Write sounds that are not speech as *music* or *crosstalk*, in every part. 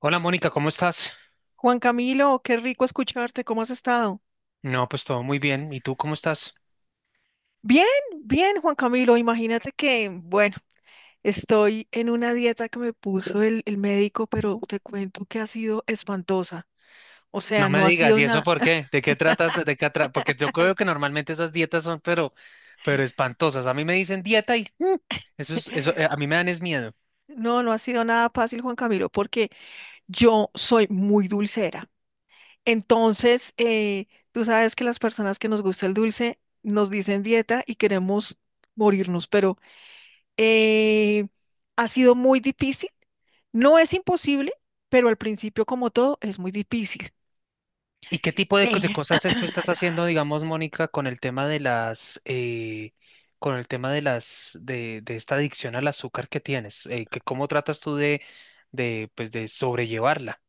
Hola Mónica, ¿cómo estás? Juan Camilo, qué rico escucharte, ¿cómo has estado? No, pues todo muy bien. ¿Y tú cómo estás? Bien, bien, Juan Camilo, imagínate que, bueno, estoy en una dieta que me puso el médico, pero te cuento que ha sido espantosa. O No sea, me no ha digas, sido ¿y eso nada, por qué? ¿De qué tratas? Porque yo creo que normalmente esas dietas son, pero espantosas. A mí me dicen dieta y eso es, eso, a mí me dan es miedo. no, no ha sido nada fácil, Juan Camilo, porque yo soy muy dulcera. Entonces, tú sabes que las personas que nos gusta el dulce nos dicen dieta y queremos morirnos, pero eh, ha sido muy difícil. No es imposible, pero al principio, como todo, es muy difícil. ¿Y qué tipo de, cos- Eh, de cosas tú estás haciendo, digamos, Mónica, con el tema de las, con el tema de las, de esta adicción al azúcar que tienes? Que, ¿cómo tratas tú de, pues, de sobrellevarla?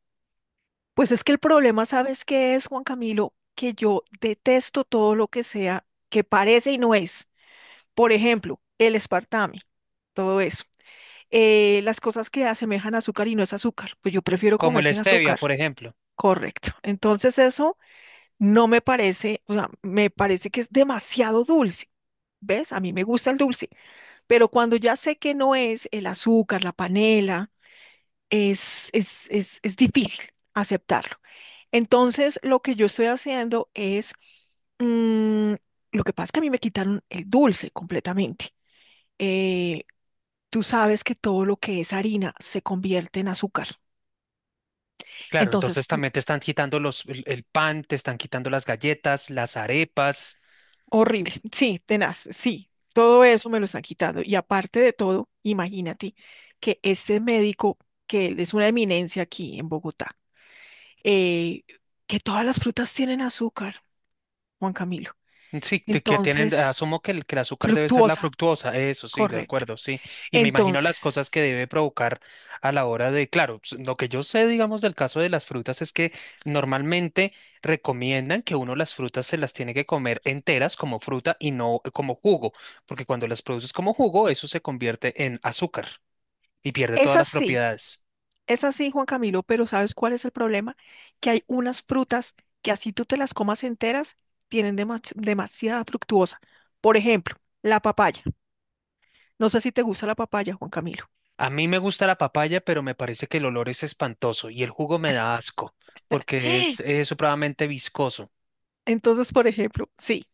pues es que el problema, ¿sabes qué es, Juan Camilo? Que yo detesto todo lo que sea, que parece y no es. Por ejemplo, el espartame, todo eso. Las cosas que asemejan azúcar y no es azúcar, pues yo prefiero Como comer la sin stevia, azúcar. por ejemplo. Correcto. Entonces eso no me parece, o sea, me parece que es demasiado dulce. ¿Ves? A mí me gusta el dulce. Pero cuando ya sé que no es el azúcar, la panela, es difícil aceptarlo. Entonces, lo que yo estoy haciendo es, mm, lo que pasa es que a mí me quitaron el dulce completamente. Eh, Tú sabes que todo lo que es harina se convierte en azúcar. Claro, entonces Entonces, también te están quitando los, el pan, te están quitando las galletas, las arepas. horrible. *laughs* Sí, tenaz, sí. Todo eso me lo están quitando. Y aparte de todo, imagínate que este médico, que él es una eminencia aquí en Bogotá, eh, que todas las frutas tienen azúcar, Juan Camilo. Mm, sí, que tienen, Entonces, asumo que el azúcar debe ser la fructuosa, fructuosa, eso sí, de correcto. acuerdo, sí. Y me imagino las cosas Entonces, que debe provocar a la hora de, claro, lo que yo sé, digamos, del caso de las frutas es que normalmente recomiendan que uno las frutas se las tiene que comer enteras como fruta y no como jugo, porque cuando las produces como jugo, eso se convierte en azúcar y pierde es todas las así, propiedades. es así, Juan Camilo, pero ¿sabes cuál es el problema? Que hay unas frutas que así tú te las comas enteras, tienen demasiada fructuosa. Por ejemplo, la papaya. No sé si te gusta la papaya, Juan Camilo. A mí me gusta la papaya, pero me parece que el olor es espantoso y el jugo me da asco, porque *gasps* es supremamente viscoso. Entonces, por ejemplo, sí,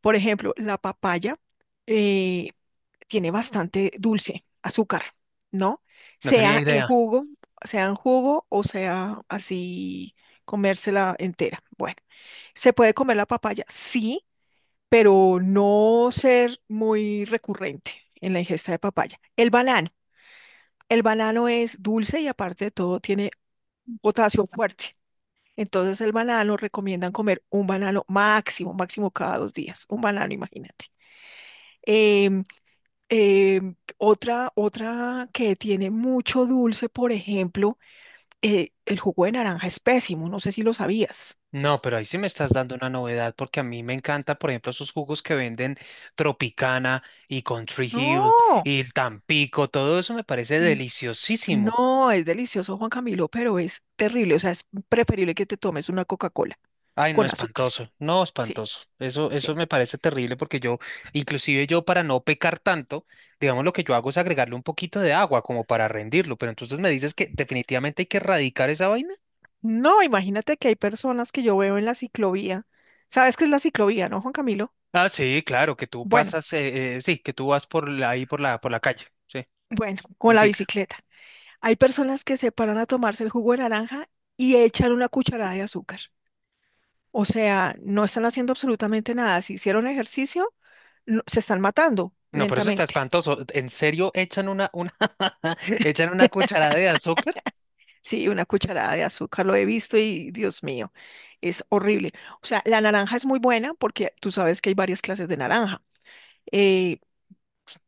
por ejemplo, la papaya eh, tiene bastante dulce, azúcar, ¿no? No tenía Sea en idea. jugo, sea en jugo o sea así comérsela entera. Bueno, ¿se puede comer la papaya? Sí, pero no ser muy recurrente en la ingesta de papaya. El banano es dulce y aparte de todo tiene un potasio fuerte. Entonces el banano recomiendan comer un banano máximo, máximo cada dos días, un banano, imagínate. Em, Eh, otra que tiene mucho dulce, por ejemplo, el jugo de naranja es pésimo, no sé si lo sabías. No, pero ahí sí me estás dando una novedad, porque a mí me encanta, por ejemplo, esos jugos que venden Tropicana y Country Hill No, y el Tampico, todo eso me parece n- deliciosísimo. no, es delicioso, Juan Camilo, pero es terrible, o sea, es preferible que te tomes una Coca-Cola Ay, no, con azúcar. espantoso, no, Sí, espantoso. Eso, sí. eso me parece terrible porque yo, inclusive yo para no pecar tanto, digamos lo que yo hago es agregarle un poquito de agua como para rendirlo, pero entonces me dices que definitivamente hay que erradicar esa vaina. No, imagínate que hay personas que yo veo en la ciclovía. ¿Sabes qué es la ciclovía, no, Juan Camilo? Ah, sí, claro, que tú Bueno, pasas, sí, que tú vas por ahí por la calle, sí, bueno, con en la cicla. bicicleta. Hay personas que se paran a tomarse el jugo de naranja y echan una cucharada de azúcar. O sea, no están haciendo absolutamente nada. Si hicieron ejercicio, se están matando No, pero eso está lentamente. *laughs* espantoso. ¿En serio echan una, *laughs* echan una cucharada de azúcar? Sí, una cucharada de azúcar lo he visto y Dios mío, es horrible. O sea, la naranja es muy buena porque tú sabes que hay varias clases de naranja, eh,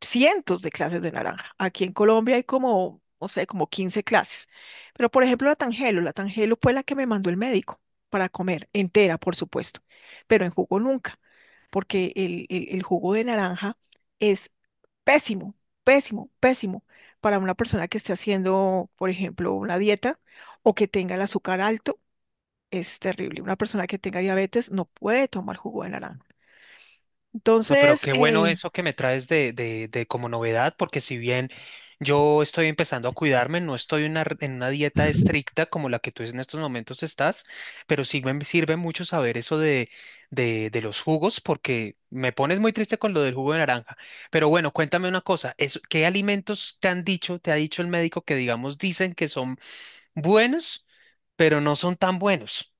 cientos de clases de naranja. Aquí en Colombia hay como, no sé, como 15 clases. Pero por ejemplo, la tangelo fue la que me mandó el médico para comer, entera, por supuesto, pero en jugo nunca, porque el jugo de naranja... es pésimo, pésimo, pésimo para una persona que esté haciendo, por ejemplo, una dieta o que tenga el azúcar alto. Es terrible. Una persona que tenga diabetes no puede tomar jugo de naranja. No, pero Entonces, qué bueno eso que me traes de como novedad, porque si bien yo estoy empezando a cuidarme, no estoy en una, en una dieta estricta como la que tú en estos momentos estás, pero sí me sirve mucho saber eso de los jugos, porque me pones muy triste con lo del jugo de naranja. Pero bueno, cuéntame una cosa, ¿qué alimentos te han dicho, te ha dicho el médico que digamos dicen que son buenos, pero no son tan buenos?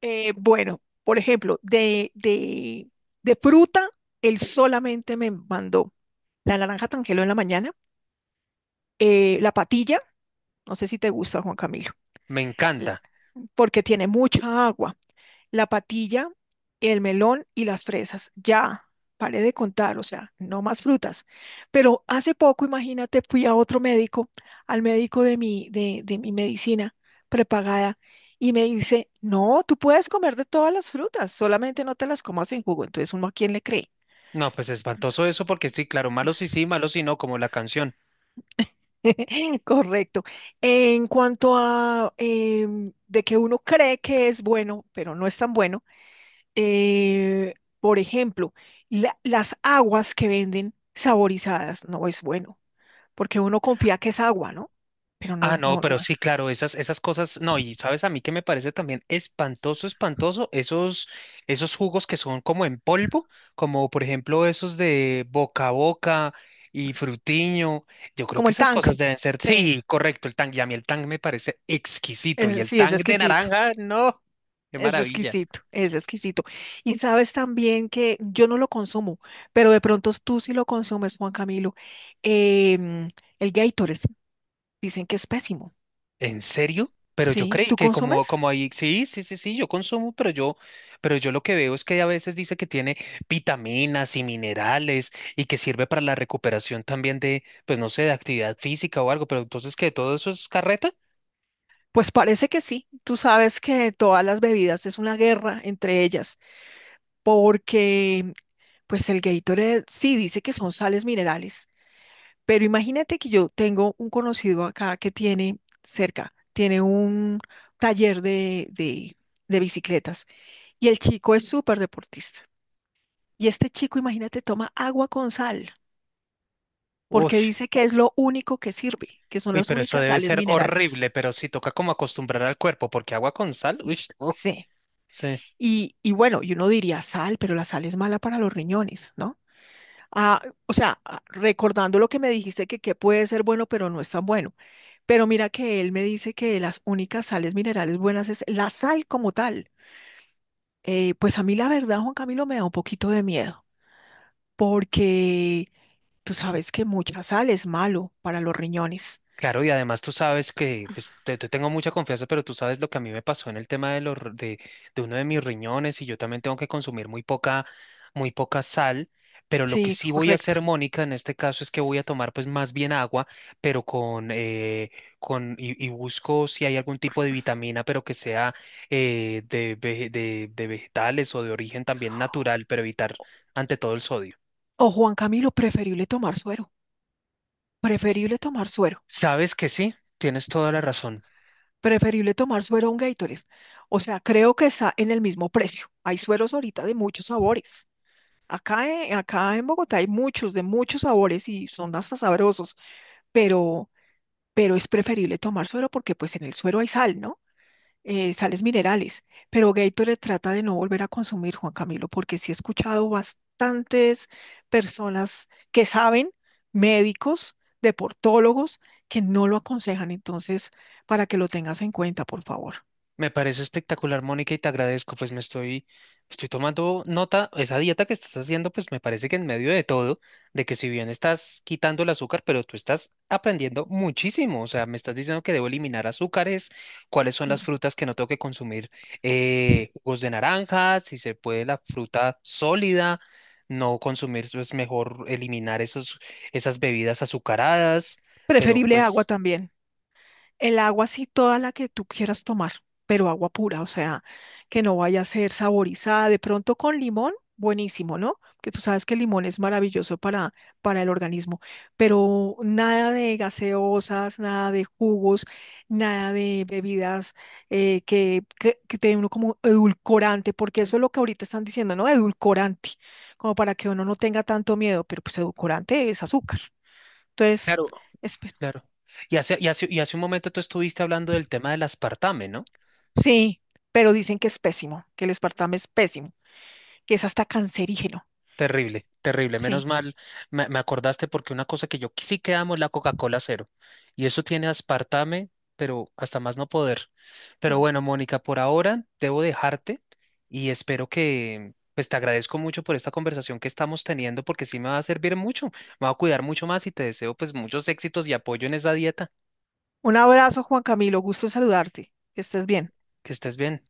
bueno, por ejemplo, de fruta, él solamente me mandó la naranja tangelo en la mañana, la patilla, no sé si te gusta, Juan Camilo, Me eh, encanta. porque tiene mucha agua. La patilla, el melón y las fresas. Ya, paré de contar, o sea, no más frutas. Pero hace poco, imagínate, fui a otro médico, al médico de mi, de mi medicina prepagada, y me dice, no, tú puedes comer de todas las frutas, solamente no te las comas en jugo. Entonces, ¿uno a quién le cree? No, pues espantoso eso, porque sí, claro, malos sí sí, malos sí no, como la canción. *laughs* Correcto. En cuanto a de que uno cree que es bueno, pero no es tan bueno, Eh, por ejemplo, las aguas que venden saborizadas no es bueno, porque uno confía que es agua, ¿no? Pero Ah, no, no, no, no. pero sí, claro, esas, esas cosas, no, y sabes a mí que me parece también espantoso, espantoso, esos, esos jugos que son como en polvo, como por ejemplo esos de Boca a Boca y Frutiño, yo creo Como que el esas tank. cosas deben ser, Sí, sí, correcto, el tang, y a mí el tang me parece exquisito, y el sí, es tang de exquisito. naranja, no, qué Es maravilla. exquisito, es exquisito. Y sabes también que yo no lo consumo, pero de pronto tú sí lo consumes, Juan Camilo. em, el Gatorade, dicen que es pésimo. ¿En serio? Pero yo Sí, creí ¿tú que como, consumes? como ahí, sí, sí, sí, sí, yo consumo, pero yo lo que veo es que a veces dice que tiene vitaminas y minerales y que sirve para la recuperación también de, pues no sé, de actividad física o algo, pero entonces que todo eso es carreta. Pues parece que sí. Tú sabes que todas las bebidas es una guerra entre ellas, porque pues el Gatorade sí dice que son sales minerales, pero imagínate que yo tengo un conocido acá que tiene cerca, tiene un taller de bicicletas y el chico es súper deportista. Y este chico, imagínate, toma agua con sal, Uy, porque dice que es lo único que sirve, que son uy, las pero eso únicas debe sales ser minerales. horrible, pero sí toca como acostumbrar al cuerpo, porque agua con sal, uy, no, Sí. sí. Y bueno, y uno diría sal, pero la sal es mala para los riñones, ¿no? Ah, o sea, ah, recordando lo que me dijiste que puede ser bueno, pero no es tan bueno. Pero mira que él me dice que las únicas sales minerales buenas es la sal como tal. Pues a mí la verdad, Juan Camilo, me da un poquito de miedo, porque tú sabes que mucha sal es malo para los riñones. Claro, y además tú sabes que, pues, te tengo mucha confianza, pero tú sabes lo que a mí me pasó en el tema de, los, de uno de mis riñones y yo también tengo que consumir muy poca sal, pero lo que Sí, sí voy a correcto. hacer, Mónica, en este caso es que voy a tomar pues más bien agua, pero con y busco si hay algún tipo de vitamina, pero que sea de, de vegetales o de origen también natural, pero evitar ante todo el sodio. O Juan Camilo, preferible tomar suero. Preferible tomar suero. Sabes que sí, tienes toda la razón. Preferible tomar suero a un Gatorade. O sea, creo que está en el mismo precio. Hay sueros ahorita de muchos sabores. Acá, acá en Bogotá hay muchos, de muchos sabores y son hasta sabrosos, pero, pero es preferible tomar suero porque pues en el suero hay sal, ¿no? Sales minerales. Pero Gatorade trata de no volver a consumir, Juan Camilo, porque sí he escuchado bastantes personas que saben, médicos, deportólogos, que no lo aconsejan. Entonces, para que lo tengas en cuenta, por favor. Me parece espectacular, Mónica, y te agradezco, pues me estoy, estoy tomando nota, esa dieta que estás haciendo, pues me parece que en medio de todo, de que si bien estás quitando el azúcar, pero tú estás aprendiendo muchísimo, o sea, me estás diciendo que debo eliminar azúcares, cuáles son las Mm. frutas que no tengo que consumir, jugos de naranja, si se puede la fruta sólida, no consumir, es mejor eliminar esos, esas bebidas azucaradas, pero Preferible agua pues... también. El agua sí toda la que tú quieras tomar, pero agua pura, o sea, que no vaya a ser saborizada. De pronto con limón, buenísimo, ¿no? Que tú sabes que el limón es maravilloso para el organismo, pero nada de gaseosas, nada de jugos, nada de bebidas que te den uno como edulcorante, porque eso es lo que ahorita están diciendo, ¿no? Edulcorante, como para que uno no tenga tanto miedo, pero pues edulcorante es azúcar. Entonces, Claro, espera. claro. Y y hace un momento tú estuviste hablando del tema del aspartame, ¿no? Sí, pero dicen que es pésimo, que el espartame es pésimo, que es hasta cancerígeno. Terrible, terrible. Menos Sí. mal, me acordaste porque una cosa que yo sí que amo es la Coca-Cola cero. Y eso tiene aspartame, pero hasta más no poder. Pero bueno, Mónica, por ahora debo dejarte y espero que, pues te agradezco mucho por esta conversación que estamos teniendo porque sí me va a servir mucho. Me va a cuidar mucho más y te deseo pues muchos éxitos y apoyo en esa dieta. Un abrazo, Juan Camilo, gusto en saludarte. Que estés bien. Que estés bien.